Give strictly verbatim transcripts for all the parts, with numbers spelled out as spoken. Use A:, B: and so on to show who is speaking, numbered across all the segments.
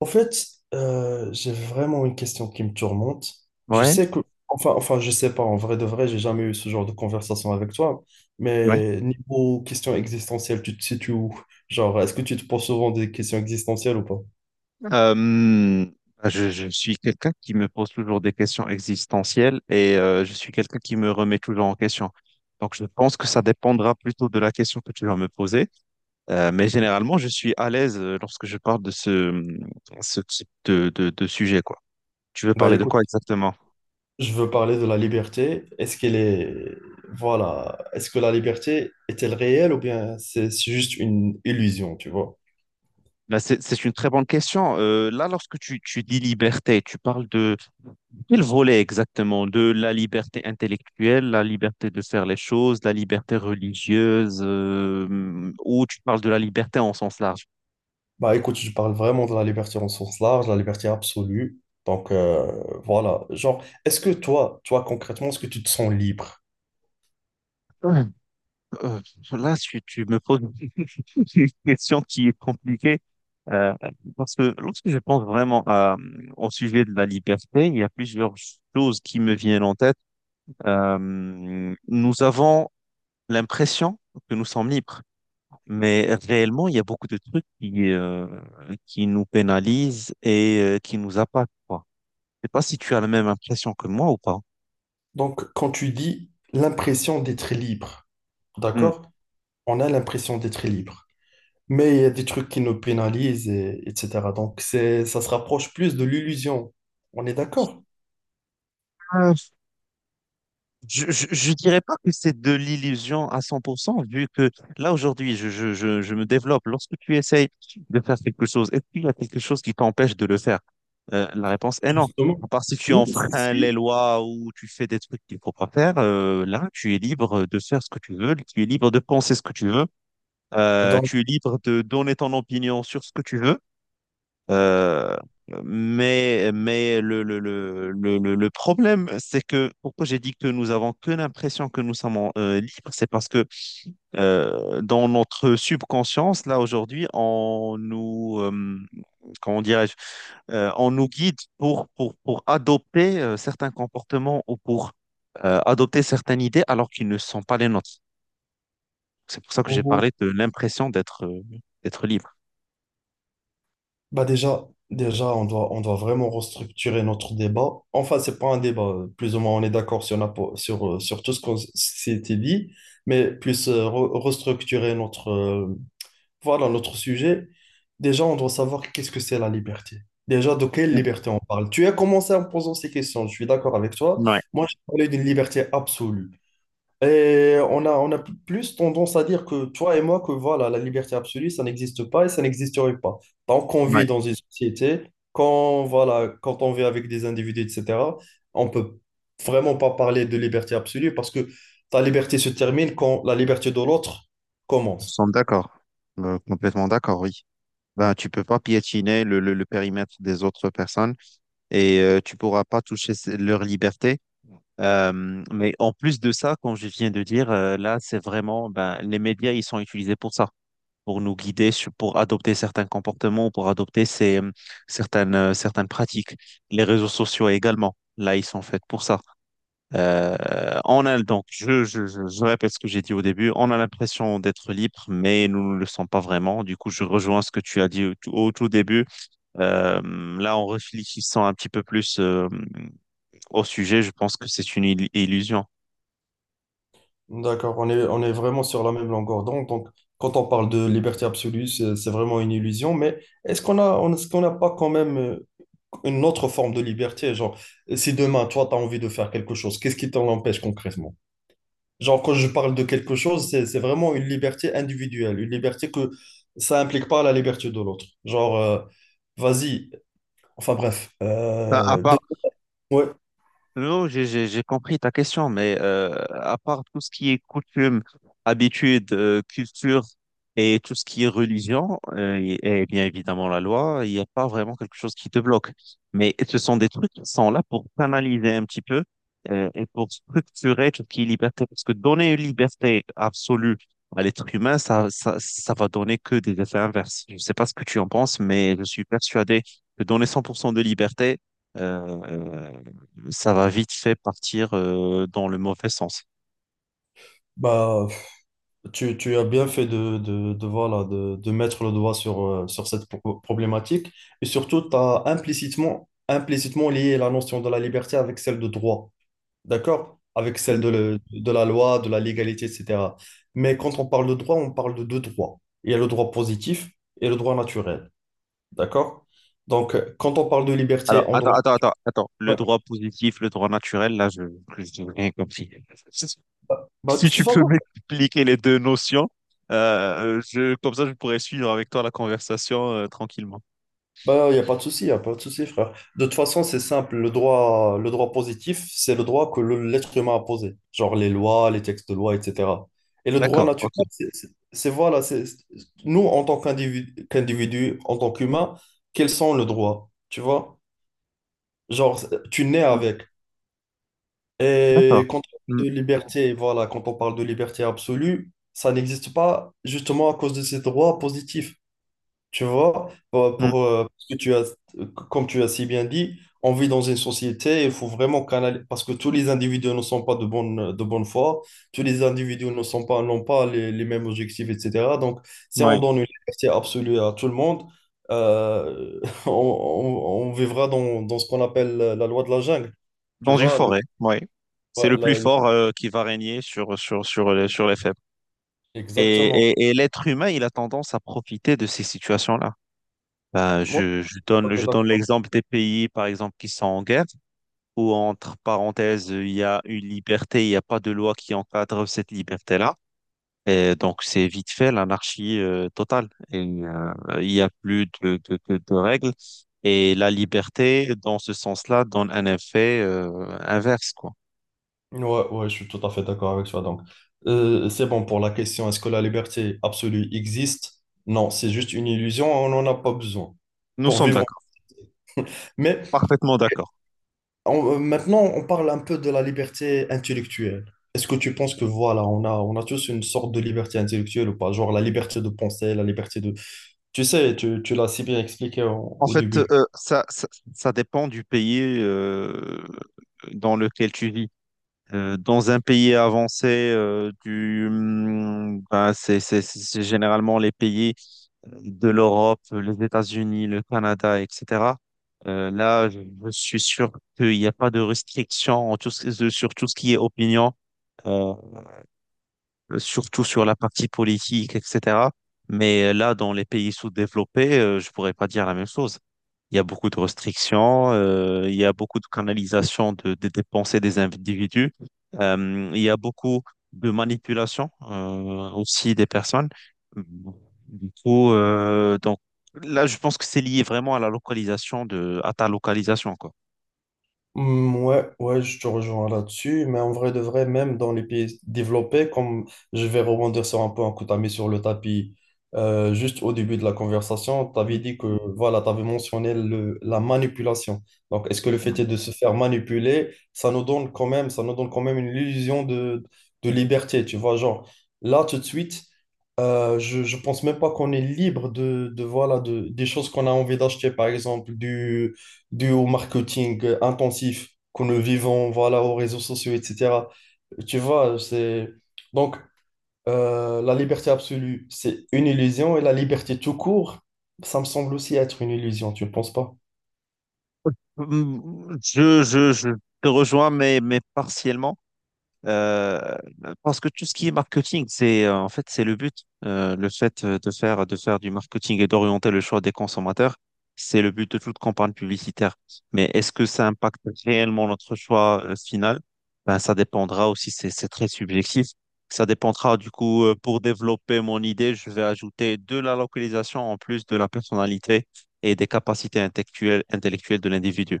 A: En fait, euh, j'ai vraiment une question qui me tourmente. Je
B: Ouais,
A: sais que, enfin, enfin, je sais pas, en vrai de vrai, j'ai jamais eu ce genre de conversation avec toi,
B: ouais.
A: mais niveau question existentielle, tu te situes où? Genre, est-ce que tu te poses souvent des questions existentielles ou pas?
B: Mhm. Euh, je, je suis quelqu'un qui me pose toujours des questions existentielles et euh, je suis quelqu'un qui me remet toujours en question. Donc, je pense que ça dépendra plutôt de la question que tu vas me poser. Euh, mais généralement, je suis à l'aise euh, lorsque je parle de ce, mmh, ce type de, de, de sujet, quoi. Tu veux
A: Bah
B: parler de
A: écoute,
B: quoi exactement?
A: je veux parler de la liberté. Est-ce qu'elle est, voilà, est-ce que la liberté est-elle réelle ou bien c'est c'est juste une illusion, tu vois?
B: Bah, c'est, c'est une très bonne question. Euh, là, lorsque tu, tu dis liberté, tu parles de quel volet exactement? De la liberté intellectuelle, la liberté de faire les choses, la liberté religieuse, euh, ou tu parles de la liberté en sens large?
A: Bah écoute, je parle vraiment de la liberté en sens large, la liberté absolue. Donc euh, voilà, genre, est-ce que toi, toi concrètement, est-ce que tu te sens libre?
B: Ouais. Euh, là, tu, tu me poses une question qui est compliquée. Euh, parce que lorsque je pense vraiment à, au sujet de la liberté, il y a plusieurs choses qui me viennent en tête. Euh, nous avons l'impression que nous sommes libres. Mais réellement, il y a beaucoup de trucs qui, euh, qui nous pénalisent et euh, qui nous impactent, quoi. Je sais pas si tu as la même impression que moi ou pas.
A: Donc quand tu dis l'impression d'être libre,
B: Hmm.
A: d'accord? On a l'impression d'être libre. Mais il y a des trucs qui nous pénalisent, et, etc. Donc c'est, ça se rapproche plus de l'illusion. On est d'accord?
B: Euh, Je, je, je dirais pas que c'est de l'illusion à cent pour cent, vu que là, aujourd'hui, je, je, je, je me développe. Lorsque tu essayes de faire quelque chose, est-ce qu'il y a quelque chose qui t'empêche de le faire? Euh, la réponse est non.
A: Justement,
B: À part si tu
A: nous aussi
B: enfreins les
A: si.
B: lois ou tu fais des trucs qu'il faut pas faire, euh, là, tu es libre de faire ce que tu veux, tu es libre de penser ce que tu veux. Euh,
A: Donc,
B: tu es libre de donner ton opinion sur ce que tu veux. Euh, mais mais le, le, le, le, le le problème, c'est que pourquoi j'ai dit que nous avons que l'impression que nous sommes euh, libres, c'est parce que euh, dans notre subconscience, là aujourd'hui, on nous, euh, comment dirais-je, euh, on nous guide pour, pour, pour adopter euh, certains comportements ou pour euh, adopter certaines idées alors qu'ils ne sont pas les nôtres. C'est pour ça que j'ai
A: oh,
B: parlé de l'impression d'être euh, d'être libre.
A: bah déjà, déjà on doit, on doit vraiment restructurer notre débat. Enfin, c'est pas un débat. euh, Plus ou moins, on est d'accord sur, la po- sur, euh, sur tout ce qu'on s- s'était dit, mais plus euh, re- restructurer notre, euh, voilà, notre sujet. Déjà, on doit savoir qu'est-ce que c'est la liberté. Déjà, de quelle liberté on parle? Tu as commencé en posant ces questions, je suis d'accord avec toi.
B: Ouais,
A: Moi, j'ai parlé d'une liberté absolue. Et on a, on a pl- plus tendance à dire que toi et moi, que voilà, la liberté absolue, ça n'existe pas et ça n'existerait pas. Tant qu'on
B: ouais,
A: vit dans une société, quand, voilà, quand on vit avec des individus, et cetera, on peut vraiment pas parler de liberté absolue parce que ta liberté se termine quand la liberté de l'autre
B: nous
A: commence.
B: sommes d'accord, Euh, complètement d'accord, oui. Ben, tu peux pas piétiner le, le, le périmètre des autres personnes et euh, tu pourras pas toucher ce- leur liberté. Euh, mais en plus de ça, comme je viens de dire, euh, là, c'est vraiment, ben, les médias, ils sont utilisés pour ça, pour nous guider, sur- pour adopter certains comportements, pour adopter ces, euh, certaines, euh, certaines pratiques. Les réseaux sociaux également, là, ils sont faits pour ça. Euh, on a donc, je, je, je je répète ce que j'ai dit au début, on a l'impression d'être libre, mais nous ne le sommes pas vraiment. Du coup, je rejoins ce que tu as dit au, tout- au tout début. Euh, là, en réfléchissant un petit peu plus euh, au sujet, je pense que c'est une il- illusion.
A: D'accord, on est, on est vraiment sur la même longueur d'onde. Donc, quand on parle de liberté absolue, c'est c'est vraiment une illusion. Mais est-ce qu'on a, on- est-ce qu'on n'a pas quand même euh, une autre forme de liberté. Genre, si demain, toi, tu as envie de faire quelque chose, qu'est-ce qui t'en empêche concrètement? Genre, quand je parle de quelque chose, c'est, c'est vraiment une liberté individuelle, une liberté que ça implique pas la liberté de l'autre. Genre, euh, vas-y, enfin bref.
B: Bah, à
A: Euh, dé-
B: part,
A: ouais,
B: Non, j'ai j'ai- j'ai compris ta question, mais euh, à part tout ce qui est coutume, habitude, euh, culture et tout ce qui est religion, euh, et, et bien évidemment la loi, il n'y a pas vraiment quelque chose qui te bloque. Mais ce sont des trucs qui sont là pour canaliser un petit peu euh, et pour structurer tout ce qui est liberté. Parce que donner une liberté absolue à l'être humain, ça, ça, ça va donner que des effets inverses. Je ne sais pas ce que tu en penses, mais je suis persuadé que donner cent pour cent de liberté, euh, euh, ça va vite fait partir euh, dans le mauvais sens.
A: bah, tu, tu as bien fait de, de, de, voilà, de, de mettre le doigt sur, euh, sur cette pro- problématique. Et surtout, tu as implicitement, implicitement lié la notion de la liberté avec celle de droit. D'accord? Avec celle de, le- de la loi, de la légalité, et cetera. Mais quand on parle de droit, on parle de deux droits. Il y a le droit positif et le droit naturel. D'accord? Donc, euh, quand on parle de
B: Alors,
A: liberté en
B: attends,
A: droit...
B: attends, attends, attends. Le
A: Ouais,
B: droit positif, le droit naturel, là, je n'ai rien compris. Si
A: bah, bah, de
B: si
A: toute
B: tu peux
A: façon,
B: m'expliquer les deux notions, euh, je, comme ça, je pourrais suivre avec toi la conversation euh, tranquillement.
A: bah, il n'y a pas de souci, il n'y a pas de souci, frère. De toute façon, c'est simple. Le droit, le droit positif, c'est le droit que le- l'être humain a posé. Genre les lois, les textes de loi, et cetera. Et le droit
B: D'accord,
A: naturel,
B: ok.
A: c'est c'est- c'est- voilà, c'est c'est- nous, en tant qu'individu, qu'individu, en tant qu'humain, quels sont nos droits? Tu vois? Genre, tu nais
B: Mm,
A: avec.
B: d'accord.
A: Et quand on
B: Mm,
A: parle de liberté, voilà, quand on parle de liberté absolue, ça n'existe pas justement à cause de ces droits positifs. Tu vois, pour,
B: mm,
A: pour, euh, parce que tu as, comme tu as si bien dit, on vit dans une société, il faut vraiment canaliser, parce que tous les individus ne sont pas de bonne, de bonne foi, tous les individus ne sont pas, n'ont pas les, les mêmes objectifs, et cetera. Donc, si on
B: ouais.
A: donne une liberté absolue à tout le monde, euh, on, on- on vivra dans, dans ce qu'on appelle la loi de la jungle. Tu
B: Dans une
A: vois, le,
B: forêt, oui. C'est
A: ouais,
B: le plus
A: la- le-
B: fort euh, qui va régner sur, sur, sur, les, sur les faibles. Et,
A: exactement.
B: et, et l'être humain, il a tendance à profiter de ces situations-là. Ben,
A: Moi, je
B: je, je
A: suis tout à
B: donne,
A: fait
B: je donne
A: d'accord.
B: l'exemple des pays, par exemple, qui sont en guerre, où, entre parenthèses, il y a une liberté, il n'y a pas de loi qui encadre cette liberté-là. Et donc, c'est vite fait l'anarchie euh, totale. Et, euh, il n'y a plus de, de, de, de règles. Et la liberté, dans ce sens-là, donne un effet euh, inverse, quoi.
A: Ouais, ouais, je suis tout à fait d'accord avec toi. Donc, Euh, c'est bon pour la question, est-ce que la liberté absolue existe? Non, c'est juste une illusion, on n'en a pas besoin
B: Nous
A: pour
B: sommes
A: vivre.
B: d'accord.
A: Mais
B: Parfaitement d'accord.
A: on- euh, maintenant, on parle un peu de la liberté intellectuelle. Est-ce que tu penses que voilà, on a, on a tous une sorte de liberté intellectuelle ou pas? Genre la liberté de penser, la liberté de... Tu sais, tu, tu l'as si bien expliqué au
B: En
A: au
B: fait,
A: début.
B: euh, ça, ça, ça dépend du pays euh, dans lequel tu vis. Euh, dans un pays avancé, euh, du, hum, ben, c'est, c'est- c'est généralement les pays de l'Europe, les États-Unis, le Canada, et cetera. Euh, là, je je suis sûr qu'il n'y a pas de restrictions en tout ce- sur tout ce qui est opinion, euh, surtout sur la partie politique, et cetera. Mais euh, là, dans les pays sous-développés, euh, je pourrais pas dire la même chose. Il y a beaucoup de restrictions, euh, il y a beaucoup de canalisation de, des des pensées des individus, euh, il y a beaucoup de manipulation euh, aussi des personnes. Du coup, euh, donc là, je pense que c'est lié vraiment à la localisation de, à ta localisation, quoi.
A: Hmm, ouais, ouais, je te rejoins là-dessus, mais en vrai de vrai, même dans les pays développés, comme je vais rebondir sur un point que tu as mis sur le tapis euh, juste au début de la conversation, tu avais dit que voilà, tu avais mentionné le, la manipulation. Donc, est-ce que le
B: Mm.
A: fait est de se faire manipuler, ça nous donne quand même, ça nous donne quand même une illusion de, de liberté, tu vois, genre là tout de suite. Euh, je, je pense même pas qu'on est libre de, de, voilà de, des choses qu'on a envie d'acheter, par exemple du, dû au marketing euh, intensif que nous vivons, voilà, aux réseaux sociaux, et cetera. Tu vois, c'est... Donc, euh, la liberté absolue, c'est une illusion, et la liberté tout court, ça me semble aussi être une illusion, tu ne penses pas?
B: Je, je, je te rejoins, mais, mais partiellement. Euh, parce que tout ce qui est marketing, c'est euh, en fait c'est le but. Euh, le fait euh, de faire de faire du marketing et d'orienter le choix des consommateurs, c'est le but de toute campagne publicitaire. Mais est-ce que ça impacte réellement notre choix euh, final? Ben ça dépendra aussi, c'est c'est très subjectif. Ça dépendra du coup euh, pour développer mon idée, je vais ajouter de la localisation en plus de la personnalité et des capacités intellectuelles intellectuelles de l'individu.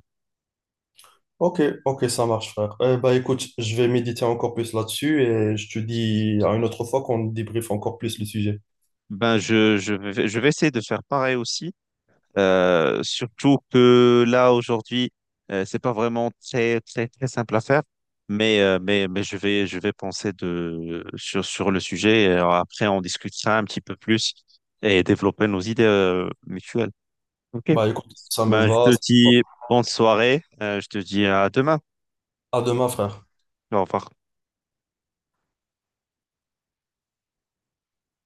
A: Ok, ok, ça marche, frère. Eh bah, écoute, je vais méditer encore plus là-dessus et je te dis à une autre fois qu'on débriefe encore plus le sujet.
B: Ben je je vais je vais essayer de faire pareil aussi. Euh, surtout que là, aujourd'hui, euh, c'est pas vraiment très, très, très simple à faire. Mais, euh, mais, mais je vais, je vais penser de, sur, sur le sujet. Et après, on discutera un petit peu plus et développer nos idées euh, mutuelles. OK.
A: Bah, écoute, ça me
B: Ben, je
A: va.
B: te
A: Ça me va.
B: dis bonne soirée. Euh, je te dis à demain.
A: À demain, frère.
B: Au revoir.